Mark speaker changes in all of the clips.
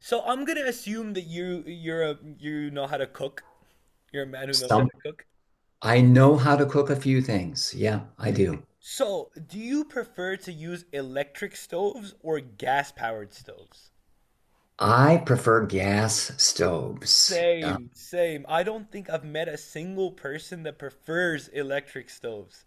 Speaker 1: So, I'm gonna assume that you you're a you know how to cook. You're a man who knows how to
Speaker 2: Some
Speaker 1: cook.
Speaker 2: I know how to cook a few things. Yeah, I do.
Speaker 1: So do you prefer to use electric stoves or gas powered stoves?
Speaker 2: I prefer gas stoves.
Speaker 1: Same, same. I don't think I've met a single person that prefers electric stoves.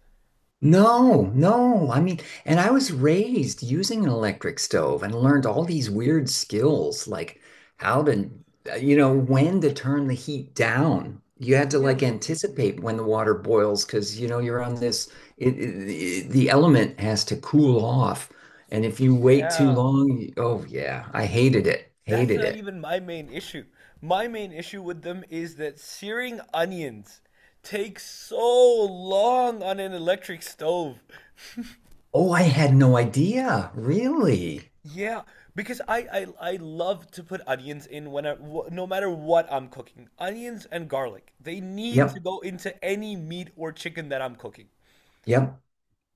Speaker 2: No, no. I mean, And I was raised using an electric stove and learned all these weird skills, like how to, you know, when to turn the heat down. You had to like
Speaker 1: Really?
Speaker 2: anticipate when the water boils because, you're on this, the element has to cool off. And if you wait too
Speaker 1: Yeah.
Speaker 2: long, oh yeah, I hated it.
Speaker 1: That's
Speaker 2: Hated
Speaker 1: not
Speaker 2: it.
Speaker 1: even my main issue. My main issue with them is that searing onions takes so long on an electric stove.
Speaker 2: Oh, I had no idea. Really?
Speaker 1: Yeah, because I love to put onions in when no matter what I'm cooking. Onions and garlic. They need to
Speaker 2: Yep.
Speaker 1: go into any meat or chicken that I'm cooking
Speaker 2: Yep.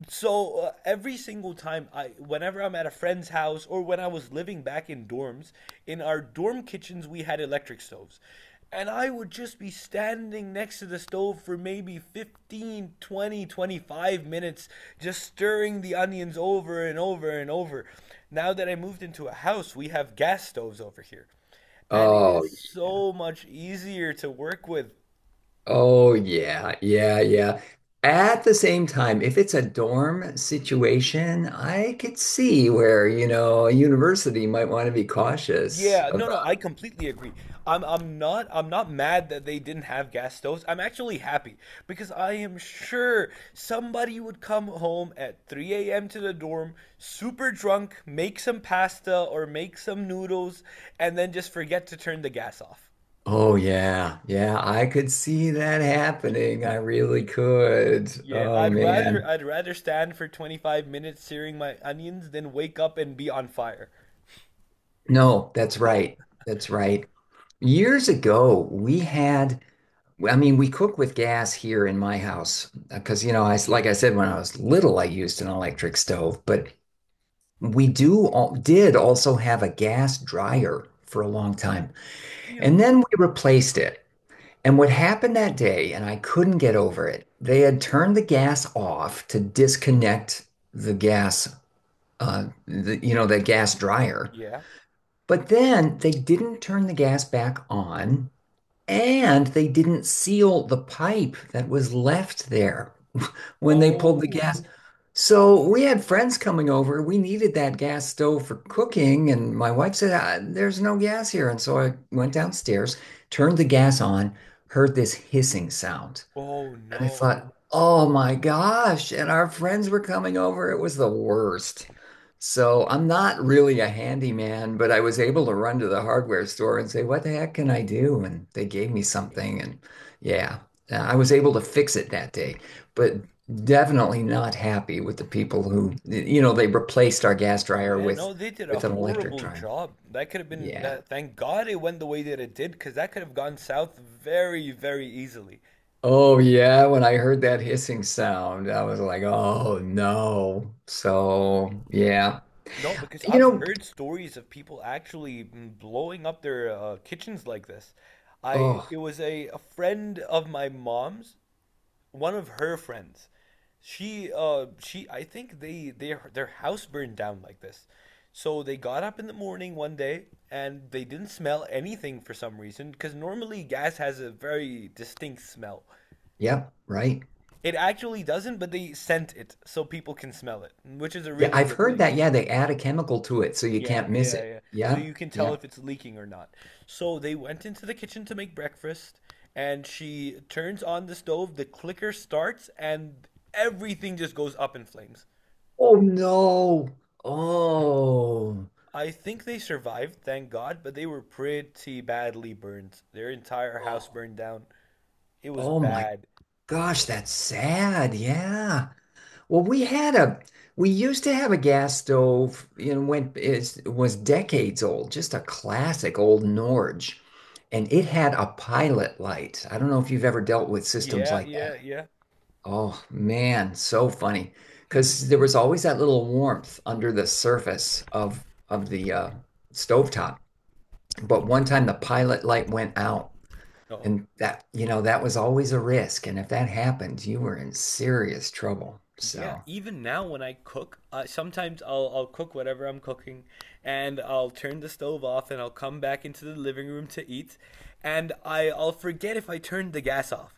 Speaker 1: so every single time whenever I'm at a friend's house or when I was living back in dorms, in our dorm kitchens we had electric stoves. And I would just be standing next to the stove for maybe 15, 20, 25 minutes, just stirring the onions over and over and over. Now that I moved into a house, we have gas stoves over here. And it
Speaker 2: Oh,
Speaker 1: is so much easier to work with.
Speaker 2: oh yeah. Yeah, yeah. At the same time, if it's a dorm situation, I could see where, you know, a university might want to be cautious
Speaker 1: Yeah, no, no,
Speaker 2: about.
Speaker 1: I completely agree. I'm not mad that they didn't have gas stoves. I'm actually happy because I am sure somebody would come home at 3 a.m. to the dorm, super drunk, make some pasta or make some noodles, and then just forget to turn the gas off.
Speaker 2: Oh yeah. Yeah, I could see that happening. I really could.
Speaker 1: Yeah,
Speaker 2: Oh
Speaker 1: I'd rather
Speaker 2: man.
Speaker 1: I'd rather stand for 25 minutes searing my onions than wake up and be on fire.
Speaker 2: No, that's right. That's right. Years ago, we had well, I mean, we cook with gas here in my house because, you know, I like I said, when I was little, I used an electric stove, but we do all, did also have a gas dryer for a long time.
Speaker 1: Really?
Speaker 2: And then we replaced it. And what happened that day, and I couldn't get over it, they had turned the gas off to disconnect the gas, the, the gas dryer.
Speaker 1: Yeah.
Speaker 2: But then they didn't turn the gas back on. And they didn't seal the pipe that was left there when they pulled the
Speaker 1: Oh,
Speaker 2: gas. So we had friends coming over. We needed that gas stove for cooking. And my wife said, "Ah, there's no gas here." And so I went downstairs, turned the gas on, heard this hissing sound.
Speaker 1: oh
Speaker 2: And I
Speaker 1: no.
Speaker 2: thought, oh my gosh. And our friends were coming over. It was the worst. So I'm not really a handyman, but I was able to run to the hardware store and say, what the heck can I do? And they gave me something. And yeah, I was able to fix it that day, but definitely not happy with the people who, you know, they replaced our gas dryer
Speaker 1: Yeah, no, they did a
Speaker 2: with an electric
Speaker 1: horrible
Speaker 2: dryer.
Speaker 1: job. That could have been
Speaker 2: Yeah.
Speaker 1: that. Thank God it went the way that it did, because that could have gone south very, very easily.
Speaker 2: Oh yeah, when I heard that hissing sound, I was like, "Oh no." So, yeah.
Speaker 1: No, because
Speaker 2: You
Speaker 1: I've
Speaker 2: know,
Speaker 1: heard stories of people actually blowing up their kitchens like this. I
Speaker 2: oh,
Speaker 1: it was a friend of my mom's, one of her friends. She uh she i think they their house burned down like this. So they got up in the morning one day and they didn't smell anything for some reason, because normally gas has a very distinct smell.
Speaker 2: yep, right.
Speaker 1: It actually doesn't, but they scent it so people can smell it, which is a
Speaker 2: Yeah,
Speaker 1: really
Speaker 2: I've
Speaker 1: good
Speaker 2: heard
Speaker 1: thing.
Speaker 2: that. Yeah, they add a chemical to it so you
Speaker 1: Yeah,
Speaker 2: can't miss
Speaker 1: yeah,
Speaker 2: it.
Speaker 1: yeah. So
Speaker 2: Yeah.
Speaker 1: you can tell
Speaker 2: Yeah.
Speaker 1: if it's leaking or not. So they went into the kitchen to make breakfast, and she turns on the stove, the clicker starts, and everything just goes up in flames.
Speaker 2: Oh no. Oh.
Speaker 1: I think they survived, thank God, but they were pretty badly burned. Their entire house
Speaker 2: Oh.
Speaker 1: burned down. It was
Speaker 2: Oh my
Speaker 1: bad.
Speaker 2: gosh, that's sad. Yeah. Well, we had a we used to have a gas stove, you know, went it was decades old, just a classic old Norge, and it had a pilot light. I don't know if you've ever dealt with systems
Speaker 1: Yeah,
Speaker 2: like that.
Speaker 1: yeah,
Speaker 2: Oh man, so funny.
Speaker 1: yeah.
Speaker 2: Because there was always that little warmth under the surface of the stovetop. But one time the pilot light went out,
Speaker 1: Oh.
Speaker 2: and that, you know, that was always a risk. And if that happened, you were in serious trouble.
Speaker 1: Yeah,
Speaker 2: So.
Speaker 1: even now when I cook, sometimes I'll cook whatever I'm cooking, and I'll turn the stove off, and I'll come back into the living room to eat, and I'll forget if I turned the gas off,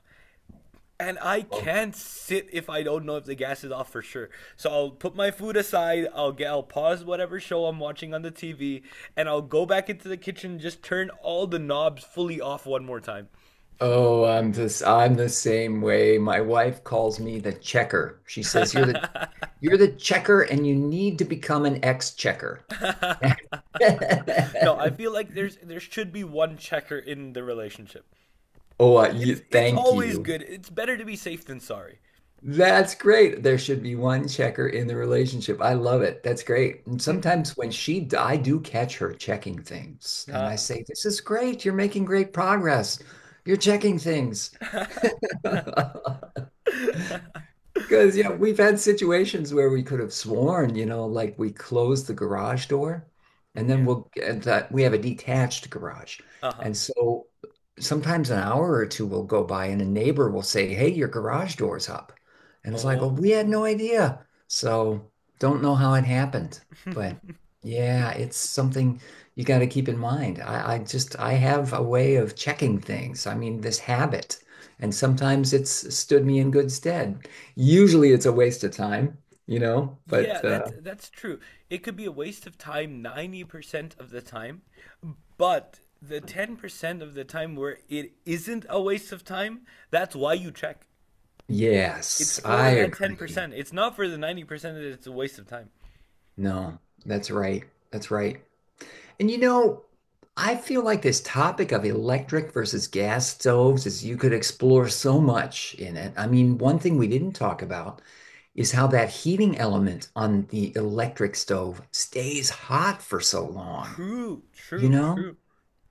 Speaker 1: and I can't sit if I don't know if the gas is off for sure. So I'll put my food aside, I'll pause whatever show I'm watching on the TV, and I'll go back into the kitchen, and just turn all the knobs fully off one more time.
Speaker 2: Oh, I'm the same way. My wife calls me the checker. She says, "You're the you're the checker and you need to become an ex-checker."
Speaker 1: No, I feel like there should be one checker in the relationship.
Speaker 2: Oh, you,
Speaker 1: It's
Speaker 2: thank
Speaker 1: always
Speaker 2: you.
Speaker 1: good. It's better to be safe than sorry.
Speaker 2: That's great. There should be one checker in the relationship. I love it. That's great. And sometimes when she, I do catch her checking things, and I
Speaker 1: Ah.
Speaker 2: say, "This is great. You're making great progress. You're checking things." Because, yeah, we've had situations where we could have sworn, you know, like we close the garage door and then
Speaker 1: Yeah.
Speaker 2: we'll and that we have a detached garage.
Speaker 1: Uh-huh.
Speaker 2: And so sometimes an hour or two will go by and a neighbor will say, "Hey, your garage door's up." And it's like, "Oh, we
Speaker 1: Oh.
Speaker 2: had no idea." So don't know how it happened. But yeah, it's something you got to keep in mind. I just, I have a way of checking things. I mean, this habit. And sometimes it's stood me in good stead. Usually it's a waste of time, you know,
Speaker 1: Yeah,
Speaker 2: but
Speaker 1: that's true. It could be a waste of time 90% of the time, but the 10% of the time where it isn't a waste of time, that's why you check. It's
Speaker 2: yes, I
Speaker 1: for that
Speaker 2: agree.
Speaker 1: 10%. It's not for the 90% that it's a waste of time.
Speaker 2: No, that's right. That's right. And you know, I feel like this topic of electric versus gas stoves is you could explore so much in it. I mean, one thing we didn't talk about is how that heating element on the electric stove stays hot for so long,
Speaker 1: True,
Speaker 2: you
Speaker 1: true,
Speaker 2: know?
Speaker 1: true.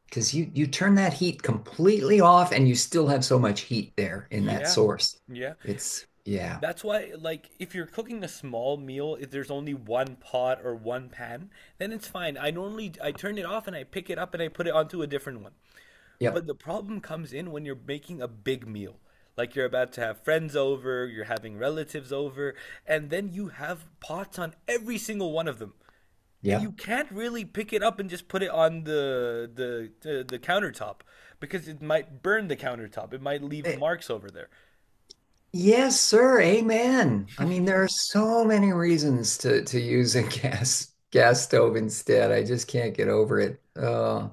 Speaker 2: Because you turn that heat completely off and you still have so much heat there in that
Speaker 1: Yeah.
Speaker 2: source.
Speaker 1: Yeah.
Speaker 2: It's yeah.
Speaker 1: That's why, like, if you're cooking a small meal, if there's only one pot or one pan, then it's fine. I normally I turn it off and I pick it up and I put it onto a different one.
Speaker 2: Yep.
Speaker 1: But the problem comes in when you're making a big meal. Like you're about to have friends over, you're having relatives over, and then you have pots on every single one of them. And you
Speaker 2: Yep.
Speaker 1: can't really pick it up and just put it on the countertop, because it might burn the countertop. It might leave
Speaker 2: Eh,
Speaker 1: marks over there.
Speaker 2: yes, sir. Amen. I mean, there are so many reasons to use a gas stove instead. I just can't get over it. Uh,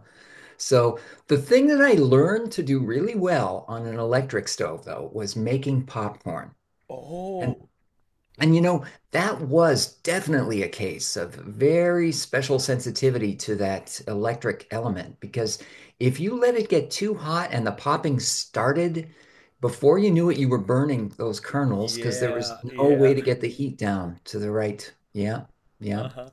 Speaker 2: so the thing that I learned to do really well on an electric stove, though, was making popcorn. And
Speaker 1: Oh.
Speaker 2: you know, that was definitely a case of very special sensitivity to that electric element because if you let it get too hot and the popping started, before you knew it, you were burning those kernels because there
Speaker 1: Yeah,
Speaker 2: was no
Speaker 1: yeah.
Speaker 2: way to get the heat down to the right. Yeah, yeah.
Speaker 1: Uh-huh.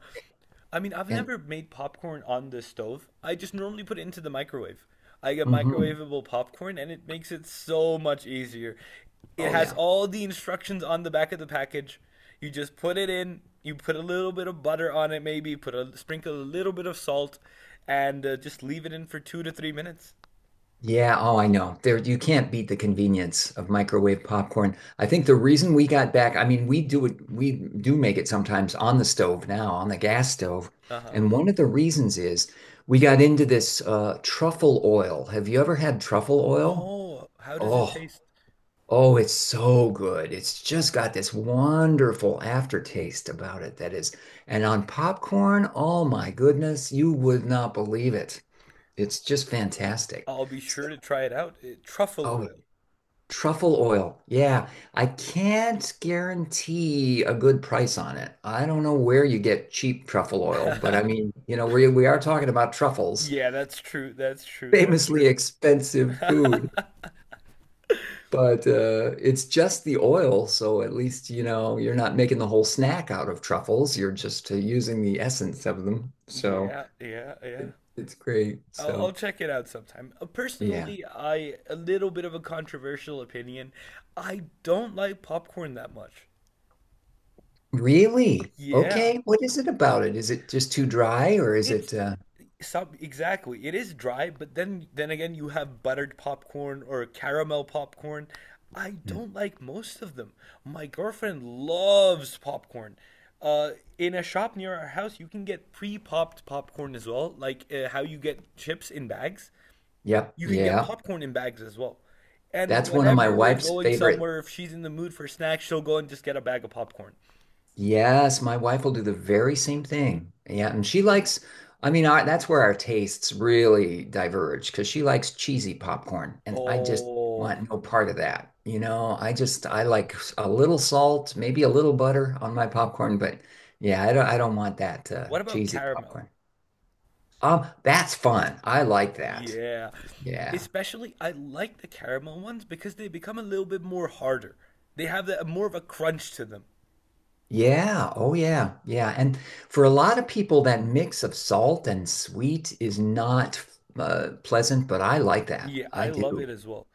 Speaker 1: I mean, I've
Speaker 2: And
Speaker 1: never made popcorn on the stove. I just normally put it into the microwave. I get
Speaker 2: mhm.
Speaker 1: microwavable popcorn and it makes it so much easier. It
Speaker 2: Oh,
Speaker 1: has
Speaker 2: yeah.
Speaker 1: all the instructions on the back of the package. You just put it in, you put a little bit of butter on it maybe, put a sprinkle a little bit of salt and just leave it in for 2 to 3 minutes.
Speaker 2: Yeah, oh, I know. There, you can't beat the convenience of microwave popcorn. I think the reason we got back, I mean, we do it, we do make it sometimes on the stove now, on the gas stove.
Speaker 1: Uh-huh.
Speaker 2: And one of the reasons is we got into this truffle oil. Have you ever had truffle oil?
Speaker 1: No, how does it
Speaker 2: Oh,
Speaker 1: taste?
Speaker 2: oh, it's so good. It's just got this wonderful aftertaste about it that is. And on popcorn, oh my goodness, you would not believe it. It's just fantastic.
Speaker 1: I'll be
Speaker 2: So,
Speaker 1: sure to try it out. Truffle
Speaker 2: oh truffle oil. Yeah, I can't guarantee a good price on it. I don't know where you get cheap truffle oil, but
Speaker 1: oil.
Speaker 2: I mean, you know, we are talking about truffles,
Speaker 1: Yeah, that's true. That's true. That's true.
Speaker 2: famously expensive food, but it's just the oil, so at least, you know, you're not making the whole snack out of truffles. You're just using the essence of them. So
Speaker 1: Yeah, yeah, yeah.
Speaker 2: it, it's great.
Speaker 1: I'll
Speaker 2: So,
Speaker 1: check it out sometime.
Speaker 2: yeah.
Speaker 1: Personally, I a little bit of a controversial opinion. I don't like popcorn that much.
Speaker 2: Really?
Speaker 1: Yeah.
Speaker 2: Okay. What is it about it? Is it just too dry or is
Speaker 1: It's
Speaker 2: it
Speaker 1: Some exactly. It is dry, but then again you have buttered popcorn or caramel popcorn. I
Speaker 2: hmm.
Speaker 1: don't like most of them. My girlfriend loves popcorn. Uh, in a shop near our house, you can get pre-popped popcorn as well, like how you get chips in bags.
Speaker 2: Yep.
Speaker 1: You can get
Speaker 2: Yeah.
Speaker 1: popcorn in bags as well. And
Speaker 2: That's one of my
Speaker 1: whenever we're
Speaker 2: wife's
Speaker 1: going
Speaker 2: favorite.
Speaker 1: somewhere, if she's in the mood for snacks, she'll go and just get a bag of popcorn.
Speaker 2: Yes, my wife will do the very same thing. Yeah, and she likes, I mean, our, that's where our tastes really diverge because she likes cheesy popcorn, and I just
Speaker 1: Oh,
Speaker 2: want no part of that. You know, I just I like a little salt, maybe a little butter on my popcorn, but yeah, I don't want that
Speaker 1: what about
Speaker 2: cheesy
Speaker 1: caramel?
Speaker 2: popcorn. That's fun. I like that.
Speaker 1: Yeah.
Speaker 2: Yeah.
Speaker 1: Especially, I like the caramel ones because they become a little bit more harder. They have that, more of a crunch to them.
Speaker 2: Yeah. Oh, yeah. Yeah. And for a lot of people, that mix of salt and sweet is not pleasant, but I like that.
Speaker 1: Yeah,
Speaker 2: I
Speaker 1: I love
Speaker 2: do.
Speaker 1: it as well.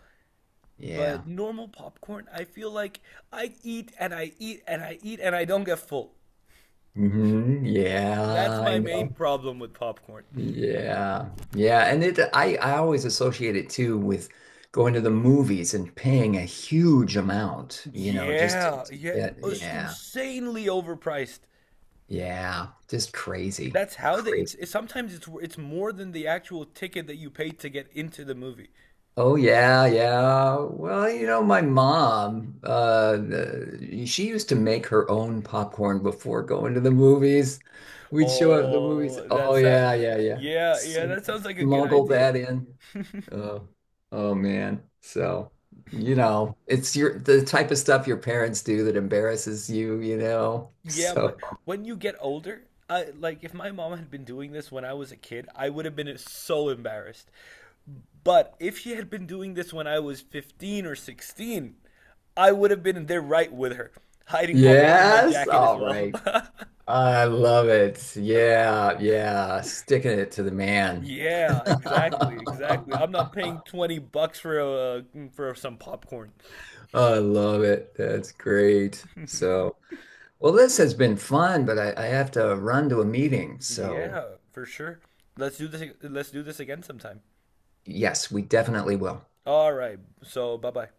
Speaker 2: Yeah.
Speaker 1: But normal popcorn, I feel like I eat and I eat and I eat and I don't get full.
Speaker 2: hmm
Speaker 1: That's
Speaker 2: Yeah, I
Speaker 1: my main
Speaker 2: know.
Speaker 1: problem with popcorn.
Speaker 2: Yeah. Yeah. And it, I always associate it too with going to the movies and paying a huge amount, you know, just
Speaker 1: Yeah,
Speaker 2: to
Speaker 1: yeah,
Speaker 2: get,
Speaker 1: it's
Speaker 2: yeah.
Speaker 1: insanely overpriced.
Speaker 2: Yeah. Just crazy.
Speaker 1: That's how they.
Speaker 2: Crazy.
Speaker 1: It's sometimes it's more than the actual ticket that you paid to get into the movie.
Speaker 2: Oh yeah, yeah. Well, you know, my mom, she used to make her own popcorn before going to the movies. We'd show up at the movies.
Speaker 1: Oh,
Speaker 2: Oh
Speaker 1: that's
Speaker 2: yeah, yeah, yeah.
Speaker 1: yeah, yeah, that sounds like a good
Speaker 2: Smuggle
Speaker 1: idea.
Speaker 2: that in. Oh, oh man. So, you know, it's your the type of stuff your parents do that embarrasses you, you know.
Speaker 1: Yeah, but
Speaker 2: So,
Speaker 1: when you get older, like if my mom had been doing this when I was a kid, I would have been so embarrassed. But if she had been doing this when I was 15 or 16, I would have been there right with her, hiding popcorn in my
Speaker 2: yes,
Speaker 1: jacket as
Speaker 2: all
Speaker 1: well.
Speaker 2: right. I love it. Yeah, yeah. Sticking it to the man.
Speaker 1: Yeah, exactly, exactly.
Speaker 2: I
Speaker 1: I'm not paying 20 bucks for some popcorn.
Speaker 2: love it. That's great. So, well, this has been fun, but I have to run to a meeting. So,
Speaker 1: Yeah, for sure. Let's do this again sometime.
Speaker 2: yes, we definitely will.
Speaker 1: All right. So bye bye.